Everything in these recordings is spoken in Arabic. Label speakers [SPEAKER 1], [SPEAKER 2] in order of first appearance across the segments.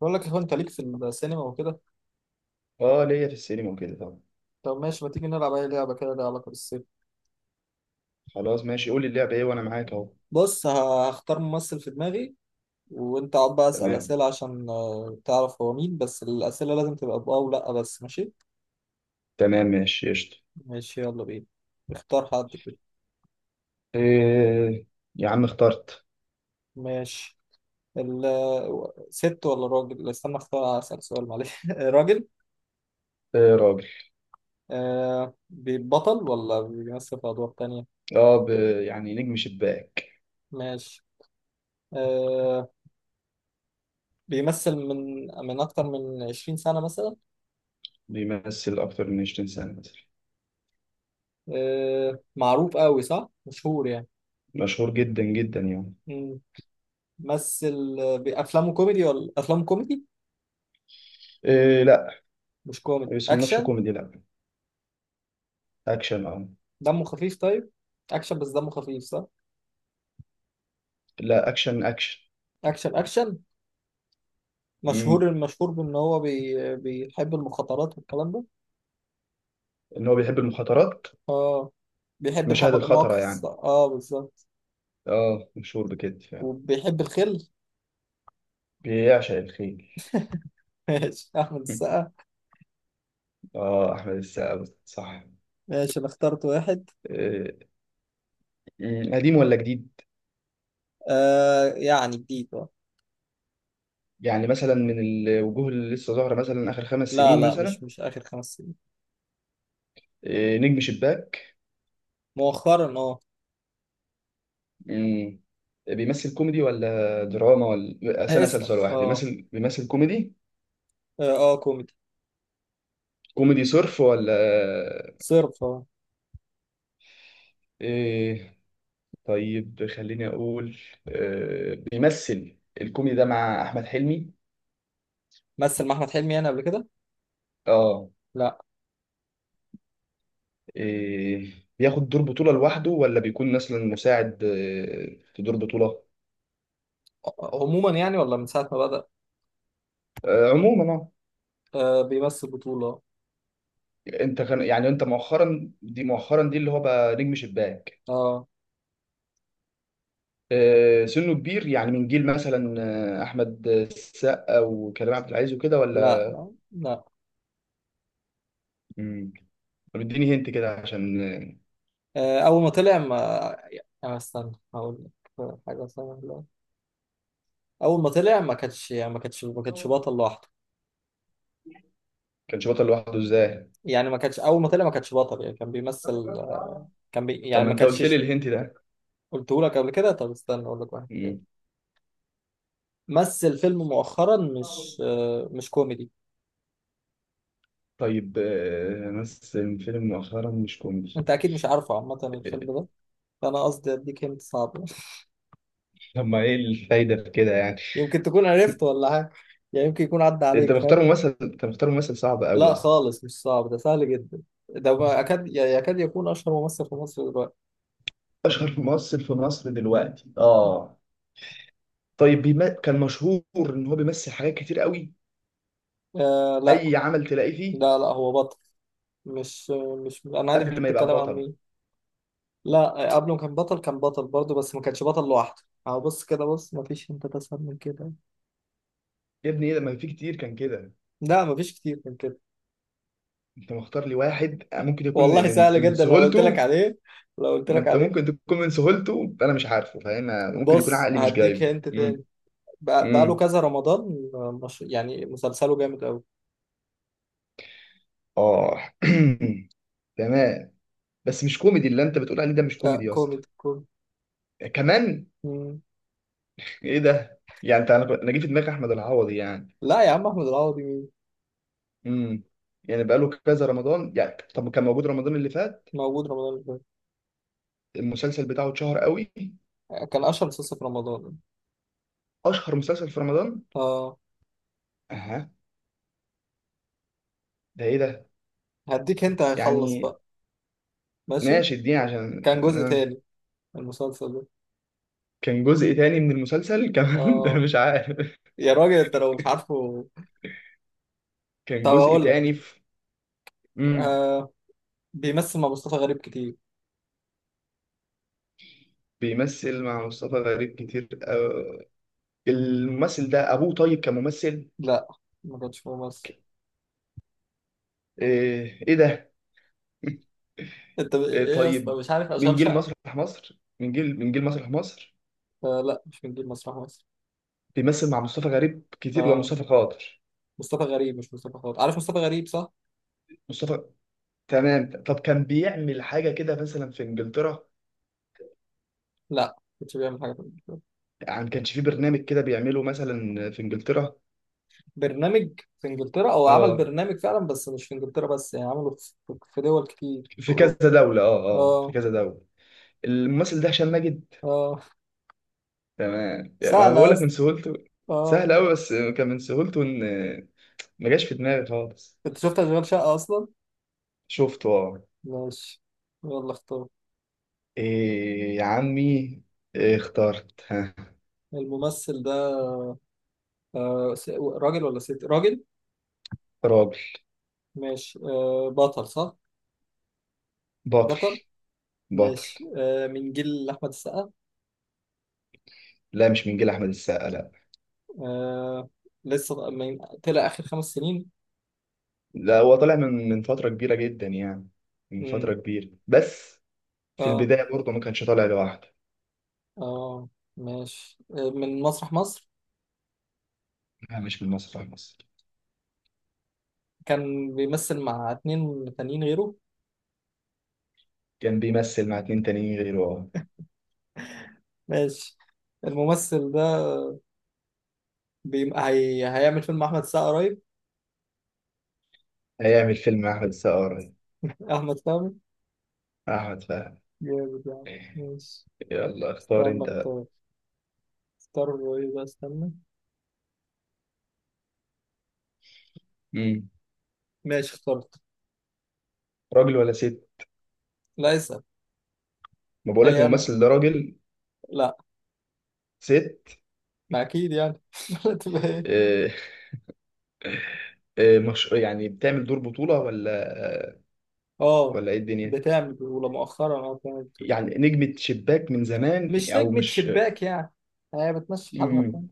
[SPEAKER 1] بقول لك يا اخوان انت ليك في السينما وكده.
[SPEAKER 2] اه، ليا في السينما وكده طبعا.
[SPEAKER 1] طب ماشي، ما تيجي نلعب اي لعبه كده ليها علاقه بالسينما.
[SPEAKER 2] خلاص ماشي، قول لي اللعبة ايه وانا معاك اهو.
[SPEAKER 1] بص هختار ممثل في دماغي، وانت اقعد بقى اسال
[SPEAKER 2] تمام،
[SPEAKER 1] اسئله عشان تعرف هو مين، بس الاسئله لازم تبقى بأه او لا، بس ماشي.
[SPEAKER 2] تمام ماشي قشطة.
[SPEAKER 1] ماشي يلا بينا. اختار حد كده.
[SPEAKER 2] إيه يا عم، اخترت.
[SPEAKER 1] ماشي. ال ست ولا راجل؟ لا، استنى اختار اسال سؤال، معلش راجل.
[SPEAKER 2] إيه، راجل.
[SPEAKER 1] آه بيبطل ولا بيمثل في ادوار تانية؟
[SPEAKER 2] اه ب... يعني نجم شباك.
[SPEAKER 1] ماشي. آه بيمثل من اكتر من 20 سنه مثلا.
[SPEAKER 2] بيمثل اكتر من 20 سنة مثلا.
[SPEAKER 1] آه، معروف قوي صح، مشهور يعني.
[SPEAKER 2] مشهور جدا جدا يعني.
[SPEAKER 1] مم. مثل بأفلامه كوميدي ولا أفلام كوميدي؟
[SPEAKER 2] إيه لا،
[SPEAKER 1] مش
[SPEAKER 2] ما
[SPEAKER 1] كوميدي
[SPEAKER 2] بيصنفش
[SPEAKER 1] أكشن؟
[SPEAKER 2] كوميدي، لا اكشن اه.
[SPEAKER 1] دمه خفيف طيب، أكشن بس دمه خفيف صح؟
[SPEAKER 2] لا، اكشن اكشن.
[SPEAKER 1] أكشن أكشن. مشهور،
[SPEAKER 2] امم
[SPEAKER 1] المشهور بإن هو بيحب المخاطرات والكلام ده.
[SPEAKER 2] ان هو بيحب المخاطرات.
[SPEAKER 1] آه بيحب
[SPEAKER 2] مشاهد الخطرة
[SPEAKER 1] المواقف
[SPEAKER 2] يعني.
[SPEAKER 1] آه بالظبط.
[SPEAKER 2] اه، مشهور بكده فعلا.
[SPEAKER 1] وبيحب الخل.
[SPEAKER 2] بيعشق الخيل.
[SPEAKER 1] ماشي، أحمد السقا.
[SPEAKER 2] اه، احمد السقا صح.
[SPEAKER 1] ماشي أنا اخترت واحد.
[SPEAKER 2] إيه، قديم ولا جديد؟
[SPEAKER 1] آه يعني جديد آه.
[SPEAKER 2] يعني مثلا من الوجوه اللي لسه ظاهرة مثلا آخر خمس
[SPEAKER 1] لا
[SPEAKER 2] سنين
[SPEAKER 1] لا، مش
[SPEAKER 2] مثلا.
[SPEAKER 1] مش آخر 5 سنين.
[SPEAKER 2] إيه، نجم شباك.
[SPEAKER 1] مؤخرا آه.
[SPEAKER 2] مم. بيمثل كوميدي ولا دراما ولا سنة
[SPEAKER 1] اسأل
[SPEAKER 2] سلسلة واحد،
[SPEAKER 1] آه.
[SPEAKER 2] بيمثل كوميدي.
[SPEAKER 1] آه آه، كوميدي.
[SPEAKER 2] كوميدي صرف ولا؟
[SPEAKER 1] صرف آه.
[SPEAKER 2] إيه طيب، خليني أقول. إيه، بيمثل الكوميدي ده مع أحمد حلمي.
[SPEAKER 1] مثل مع احمد حلمي يعني قبل كده؟
[SPEAKER 2] آه.
[SPEAKER 1] لا.
[SPEAKER 2] إيه بياخد دور بطولة لوحده ولا بيكون مثلا مساعد، إيه، في دور بطولة.
[SPEAKER 1] عموما يعني، ولا من ساعه ما بدأ؟
[SPEAKER 2] آه، عموما آه.
[SPEAKER 1] آه بيمثل بطوله.
[SPEAKER 2] انت كان يعني انت مؤخرا دي مؤخرا دي اللي هو بقى نجم شباك.
[SPEAKER 1] اه.
[SPEAKER 2] آه، سنه كبير يعني، من جيل مثلا. آه، احمد السقا وكريم عبد العزيز وكده
[SPEAKER 1] لا
[SPEAKER 2] ولا؟
[SPEAKER 1] لا لا.
[SPEAKER 2] مم. طب اديني هنت كده عشان
[SPEAKER 1] آه اول ما طلع ما، يعني استنى هقول لك حاجه سهله. اول ما طلع ما كانش
[SPEAKER 2] آه،
[SPEAKER 1] بطل لوحده.
[SPEAKER 2] كانش بطل لوحده ازاي؟
[SPEAKER 1] يعني ما كانش، اول ما طلع ما كانش بطل، يعني كان بيمثل، كان بي
[SPEAKER 2] طب
[SPEAKER 1] يعني
[SPEAKER 2] ما
[SPEAKER 1] ما
[SPEAKER 2] انت
[SPEAKER 1] كانش.
[SPEAKER 2] قلت لي الهنت ده؟
[SPEAKER 1] قلته لك قبل كده، طب استنى اقول لك واحد تاني.
[SPEAKER 2] مم.
[SPEAKER 1] مثل فيلم مؤخرا مش مش كوميدي.
[SPEAKER 2] طيب، مثل فيلم مؤخرا مش كوميدي
[SPEAKER 1] انت اكيد مش عارفه عامه الفيلم
[SPEAKER 2] آه،
[SPEAKER 1] ده، فانا قصدي اديك هنت صعب.
[SPEAKER 2] طب ما ايه الفايده في كده يعني؟
[SPEAKER 1] يمكن تكون عرفت ولا حاجة، يعني يمكن يكون عدى عليك فاهم.
[SPEAKER 2] انت مختار ممثل صعب قوي يا
[SPEAKER 1] لا
[SPEAKER 2] اسطى.
[SPEAKER 1] خالص مش صعب، ده سهل جدا. ده ما أكاد يعني يكاد يكون أشهر ممثل في مصر دلوقتي.
[SPEAKER 2] اشهر ممثل في مصر دلوقتي اه. طيب كان مشهور ان هو بيمثل حاجات كتير قوي.
[SPEAKER 1] آه لا.
[SPEAKER 2] اي عمل تلاقيه فيه.
[SPEAKER 1] لا لا هو بطل. مش مش أنا عارف
[SPEAKER 2] قبل
[SPEAKER 1] أنت
[SPEAKER 2] ما يبقى
[SPEAKER 1] بتتكلم عن
[SPEAKER 2] بطل.
[SPEAKER 1] مين. لا قبله كان بطل، كان بطل برضه بس ما كانش بطل لوحده. أهو بص كده، بص ما فيش أنت تسهل من كده.
[SPEAKER 2] يا ابني، ايه ده، ما في كتير كان كده.
[SPEAKER 1] لا ما فيش كتير من كده.
[SPEAKER 2] انت مختار لي واحد ممكن يكون
[SPEAKER 1] والله
[SPEAKER 2] من
[SPEAKER 1] سهل جدا لو قلت لك
[SPEAKER 2] سهولته.
[SPEAKER 1] عليه، لو قلت
[SPEAKER 2] ما
[SPEAKER 1] لك
[SPEAKER 2] انت ممكن
[SPEAKER 1] عليه.
[SPEAKER 2] تكون من سهولته، انا مش عارفه فاهم. ممكن يكون
[SPEAKER 1] بص
[SPEAKER 2] عقلي مش
[SPEAKER 1] هديك
[SPEAKER 2] جايبه
[SPEAKER 1] هنت
[SPEAKER 2] امم
[SPEAKER 1] تاني. بقى له
[SPEAKER 2] امم.
[SPEAKER 1] كذا رمضان، مش يعني مسلسله جامد قوي.
[SPEAKER 2] اه، تمام. بس مش كوميدي اللي انت بتقول عليه ده، مش
[SPEAKER 1] لا
[SPEAKER 2] كوميدي يا اسطى.
[SPEAKER 1] كوميدي كوميدي.
[SPEAKER 2] كمان.
[SPEAKER 1] مم.
[SPEAKER 2] ايه ده يعني، أنا جه في دماغي احمد العوضي يعني.
[SPEAKER 1] لا يا عم، احمد العوضي مين؟
[SPEAKER 2] امم. يعني بقاله كذا رمضان يعني، طب كان موجود رمضان اللي فات.
[SPEAKER 1] موجود رمضان اللي
[SPEAKER 2] المسلسل بتاعه اتشهر قوي.
[SPEAKER 1] فات، كان اشهر مسلسل في رمضان.
[SPEAKER 2] اشهر مسلسل في رمضان.
[SPEAKER 1] اه.
[SPEAKER 2] اها. ده ايه ده
[SPEAKER 1] هديك انت هيخلص
[SPEAKER 2] يعني؟
[SPEAKER 1] بقى. ماشي.
[SPEAKER 2] ماشي اديني عشان
[SPEAKER 1] كان جزء
[SPEAKER 2] آه.
[SPEAKER 1] تاني من المسلسل ده.
[SPEAKER 2] كان جزء تاني من المسلسل كمان ده
[SPEAKER 1] اه.
[SPEAKER 2] مش عارف.
[SPEAKER 1] يا راجل انت لو مش عارفه.
[SPEAKER 2] كان
[SPEAKER 1] طب
[SPEAKER 2] جزء
[SPEAKER 1] هقول لك.
[SPEAKER 2] تاني في. امم.
[SPEAKER 1] آه بيمثل مع مصطفى غريب كتير.
[SPEAKER 2] بيمثل مع مصطفى غريب كتير آه. الممثل ده ابوه طيب كممثل؟
[SPEAKER 1] لا ما كانش ممثل.
[SPEAKER 2] ايه, إيه ده.
[SPEAKER 1] انت
[SPEAKER 2] إيه
[SPEAKER 1] ايه يا اسطى؟
[SPEAKER 2] طيب.
[SPEAKER 1] مش عارف اشغال شقه؟
[SPEAKER 2] من جيل مسرح مصر.
[SPEAKER 1] آه لا مش من جيل مسرح مصر.
[SPEAKER 2] بيمثل مع مصطفى غريب كتير اللي هو
[SPEAKER 1] اه
[SPEAKER 2] مصطفى خاطر.
[SPEAKER 1] مصطفى غريب مش مصطفى خاطر، عارف مصطفى غريب صح.
[SPEAKER 2] مصطفى، تمام. طب كان بيعمل حاجة كده مثلا في انجلترا؟
[SPEAKER 1] لا كنتش بيعمل حاجه في
[SPEAKER 2] يعني كانش في برنامج كده بيعمله مثلا في انجلترا؟
[SPEAKER 1] برنامج في انجلترا، او عمل
[SPEAKER 2] اه،
[SPEAKER 1] برنامج فعلا بس مش في انجلترا بس، يعني عمله في دول كتير في
[SPEAKER 2] في كذا
[SPEAKER 1] اوروبا.
[SPEAKER 2] دولة، اه اه، في
[SPEAKER 1] اه
[SPEAKER 2] كذا دولة. الممثل ده هشام ماجد.
[SPEAKER 1] اه.
[SPEAKER 2] تمام يعني، ما بقول
[SPEAKER 1] سهلة
[SPEAKER 2] لك
[SPEAKER 1] اصلا.
[SPEAKER 2] من سهولته.
[SPEAKER 1] اه.
[SPEAKER 2] سهل قوي، بس كان من سهولته ان ما جاش في دماغي خالص.
[SPEAKER 1] انت شفت اشغال شقة اصلا؟
[SPEAKER 2] شفته اه.
[SPEAKER 1] ماشي يلا اختار.
[SPEAKER 2] إيه يا عمي، إيه اخترت ها.
[SPEAKER 1] الممثل ده آه راجل ولا ست؟ راجل.
[SPEAKER 2] راجل.
[SPEAKER 1] ماشي آه بطل صح؟
[SPEAKER 2] بطل،
[SPEAKER 1] بطل.
[SPEAKER 2] بطل.
[SPEAKER 1] ماشي آه من جيل احمد السقا؟
[SPEAKER 2] لا، مش من جيل احمد السقا لا.
[SPEAKER 1] آه لسه من طلع اخر 5 سنين؟
[SPEAKER 2] لا، هو طالع من فترة كبيرة جدا يعني. من
[SPEAKER 1] امم.
[SPEAKER 2] فترة كبيرة بس. في
[SPEAKER 1] اه
[SPEAKER 2] البداية برضه ما كانش طالع لوحده.
[SPEAKER 1] اه. ماشي آه من مسرح مصر؟
[SPEAKER 2] لا، مش من مسرح مصر.
[SPEAKER 1] كان بيمثل مع اتنين تانيين غيره.
[SPEAKER 2] كان بيمثل مع اتنين تانيين غيره أهو.
[SPEAKER 1] ماشي. الممثل ده هيعمل فيلم أحمد السقا قريب.
[SPEAKER 2] هيعمل فيلم مع أحمد السقا قريب.
[SPEAKER 1] أحمد فهمي.
[SPEAKER 2] أحمد فهمي.
[SPEAKER 1] جامد يعني، ماشي.
[SPEAKER 2] يلا اختار
[SPEAKER 1] استنى
[SPEAKER 2] أنت.
[SPEAKER 1] اختار، اختار له ايه بقى، استنى.
[SPEAKER 2] مم.
[SPEAKER 1] ماشي اخترت.
[SPEAKER 2] راجل ولا ست؟
[SPEAKER 1] لا اسأل.
[SPEAKER 2] ما بقولك
[SPEAKER 1] أي أنا.
[SPEAKER 2] الممثل ده راجل.
[SPEAKER 1] لا،
[SPEAKER 2] ست.
[SPEAKER 1] ما أكيد يعني لا تبقى ايه.
[SPEAKER 2] آه، آه، مش يعني، بتعمل دور بطولة ولا؟ آه،
[SPEAKER 1] اه
[SPEAKER 2] ولا إيه الدنيا.
[SPEAKER 1] بتعمل بطولة مؤخرا، اه بتعمل بطولة.
[SPEAKER 2] يعني نجمة شباك من زمان
[SPEAKER 1] مش
[SPEAKER 2] أو
[SPEAKER 1] نجمة
[SPEAKER 2] مش؟
[SPEAKER 1] شباك يعني، هي بتمشي حالها
[SPEAKER 2] مم.
[SPEAKER 1] فاهم.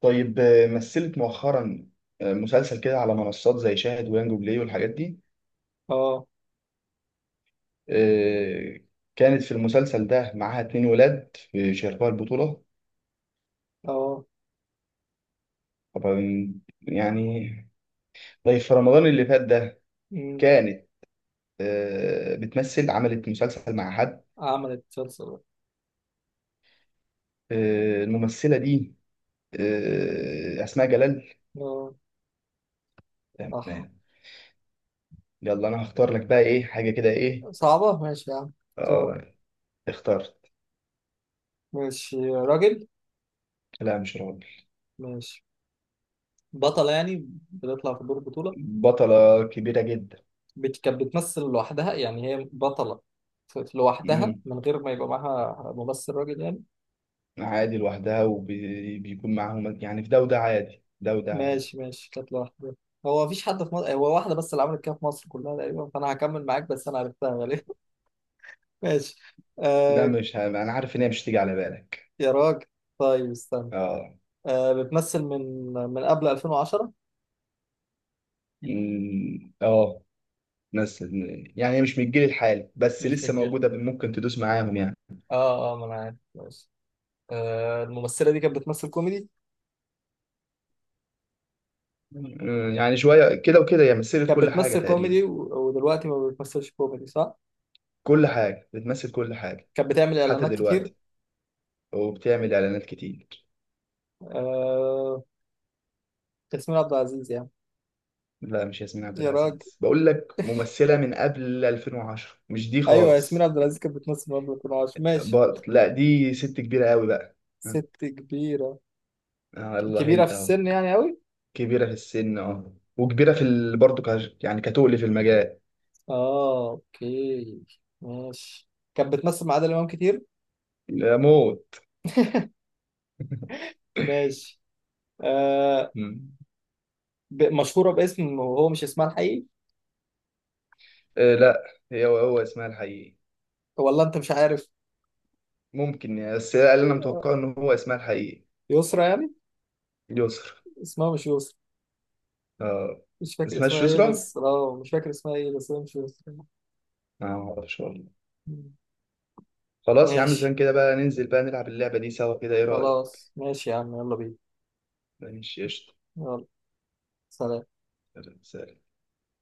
[SPEAKER 2] طيب، مثلت مؤخرا، مسلسل كده على منصات زي شاهد ويانجو بلاي والحاجات دي.
[SPEAKER 1] اه
[SPEAKER 2] آه، كانت في المسلسل ده معاها اتنين ولاد في شاركوها البطولة.
[SPEAKER 1] اه.
[SPEAKER 2] طبعا يعني. طيب، في رمضان اللي فات ده
[SPEAKER 1] أمم.
[SPEAKER 2] كانت عملت مسلسل مع حد.
[SPEAKER 1] عملت مسلسل.
[SPEAKER 2] الممثلة دي، أسماء جلال.
[SPEAKER 1] اه صح.
[SPEAKER 2] تمام. يلا أنا هختار لك بقى. إيه حاجة كده، إيه.
[SPEAKER 1] صعبة ماشي يا عم.
[SPEAKER 2] آه، اخترت.
[SPEAKER 1] ماشي راجل.
[SPEAKER 2] لا، مش راجل.
[SPEAKER 1] ماشي بطلة يعني بتطلع في دور بطولة.
[SPEAKER 2] بطلة كبيرة جدا.
[SPEAKER 1] كانت بتمثل لوحدها يعني هي بطلة في، في لوحدها
[SPEAKER 2] مم.
[SPEAKER 1] من غير ما يبقى معاها ممثل راجل يعني.
[SPEAKER 2] عادي لوحدها وبيكون معاهم يعني، في ده وده عادي، ده وده عادي.
[SPEAKER 1] ماشي ماشي، كانت لوحدها. هو مفيش حد في مصر، هو واحدة بس اللي عملت كده في مصر كلها تقريبا، فأنا هكمل معاك بس أنا عرفتها غالبا. ماشي.
[SPEAKER 2] لا،
[SPEAKER 1] آه
[SPEAKER 2] مش أنا عارف إن هي مش تيجي على بالك.
[SPEAKER 1] يا راجل طيب استنى.
[SPEAKER 2] آه.
[SPEAKER 1] آه بتمثل من قبل 2010.
[SPEAKER 2] مم. آه. ناس. يعني مش من الجيل الحالي بس
[SPEAKER 1] مش
[SPEAKER 2] لسه
[SPEAKER 1] من جيلك.
[SPEAKER 2] موجودة، ممكن تدوس معاهم يعني.
[SPEAKER 1] اه اه، ما انا عارف ماشي. آه الممثلة دي كانت بتمثل كوميدي.
[SPEAKER 2] يعني شوية كده وكده، هي مثلت
[SPEAKER 1] كانت
[SPEAKER 2] كل حاجة
[SPEAKER 1] بتمثل كوميدي
[SPEAKER 2] تقريبا.
[SPEAKER 1] و، ودلوقتي ما بتمثلش كوميدي صح؟
[SPEAKER 2] كل حاجة، بتمثل كل حاجة.
[SPEAKER 1] كانت بتعمل
[SPEAKER 2] حتى
[SPEAKER 1] اعلانات كتير.
[SPEAKER 2] دلوقتي، وبتعمل إعلانات كتير.
[SPEAKER 1] آه، ياسمين عبد العزيز يعني.
[SPEAKER 2] لا، مش ياسمين عبد
[SPEAKER 1] يا راجل.
[SPEAKER 2] العزيز، بقول لك ممثلة من قبل 2010 مش دي
[SPEAKER 1] ايوه ياسمين
[SPEAKER 2] خالص.
[SPEAKER 1] عبد العزيز كانت بتمثل قبل، كنا عاش ماشي.
[SPEAKER 2] لا، دي ست كبيرة قوي بقى.
[SPEAKER 1] ست كبيرة،
[SPEAKER 2] آه الله،
[SPEAKER 1] كبيرة في
[SPEAKER 2] انت اهو.
[SPEAKER 1] السن يعني قوي.
[SPEAKER 2] كبيرة في السن اهو. وكبيرة في برضه يعني كتقل في المجال.
[SPEAKER 1] اه اوكي ماشي. كانت بتمثل مع عادل امام كتير.
[SPEAKER 2] لا موت.
[SPEAKER 1] ماشي. آه، مشهورة باسم وهو مش اسمها الحقيقي،
[SPEAKER 2] آه، لا. هو اسمها الحقيقي.
[SPEAKER 1] ولا انت مش عارف.
[SPEAKER 2] ممكن يعني، بس هي اللي انا متوقعه ان هو اسمها الحقيقي.
[SPEAKER 1] يسرا يعني.
[SPEAKER 2] يسرا.
[SPEAKER 1] اسمها مش يسرا.
[SPEAKER 2] اه.
[SPEAKER 1] مش
[SPEAKER 2] ما
[SPEAKER 1] فاكر اسمها
[SPEAKER 2] اسمهاش
[SPEAKER 1] ايه
[SPEAKER 2] يسرا.
[SPEAKER 1] بس، اه مش فاكر اسمها ايه بس هي مش يسرا.
[SPEAKER 2] ما اعرفش والله. خلاص يا عم،
[SPEAKER 1] ماشي
[SPEAKER 2] زمان كده بقى، ننزل بقى نلعب اللعبة دي سوا كده، ايه رأيك؟
[SPEAKER 1] خلاص، ماشي يا عم يلا بينا.
[SPEAKER 2] ماشي قشطة.
[SPEAKER 1] يلا. سلام.
[SPEAKER 2] سلام.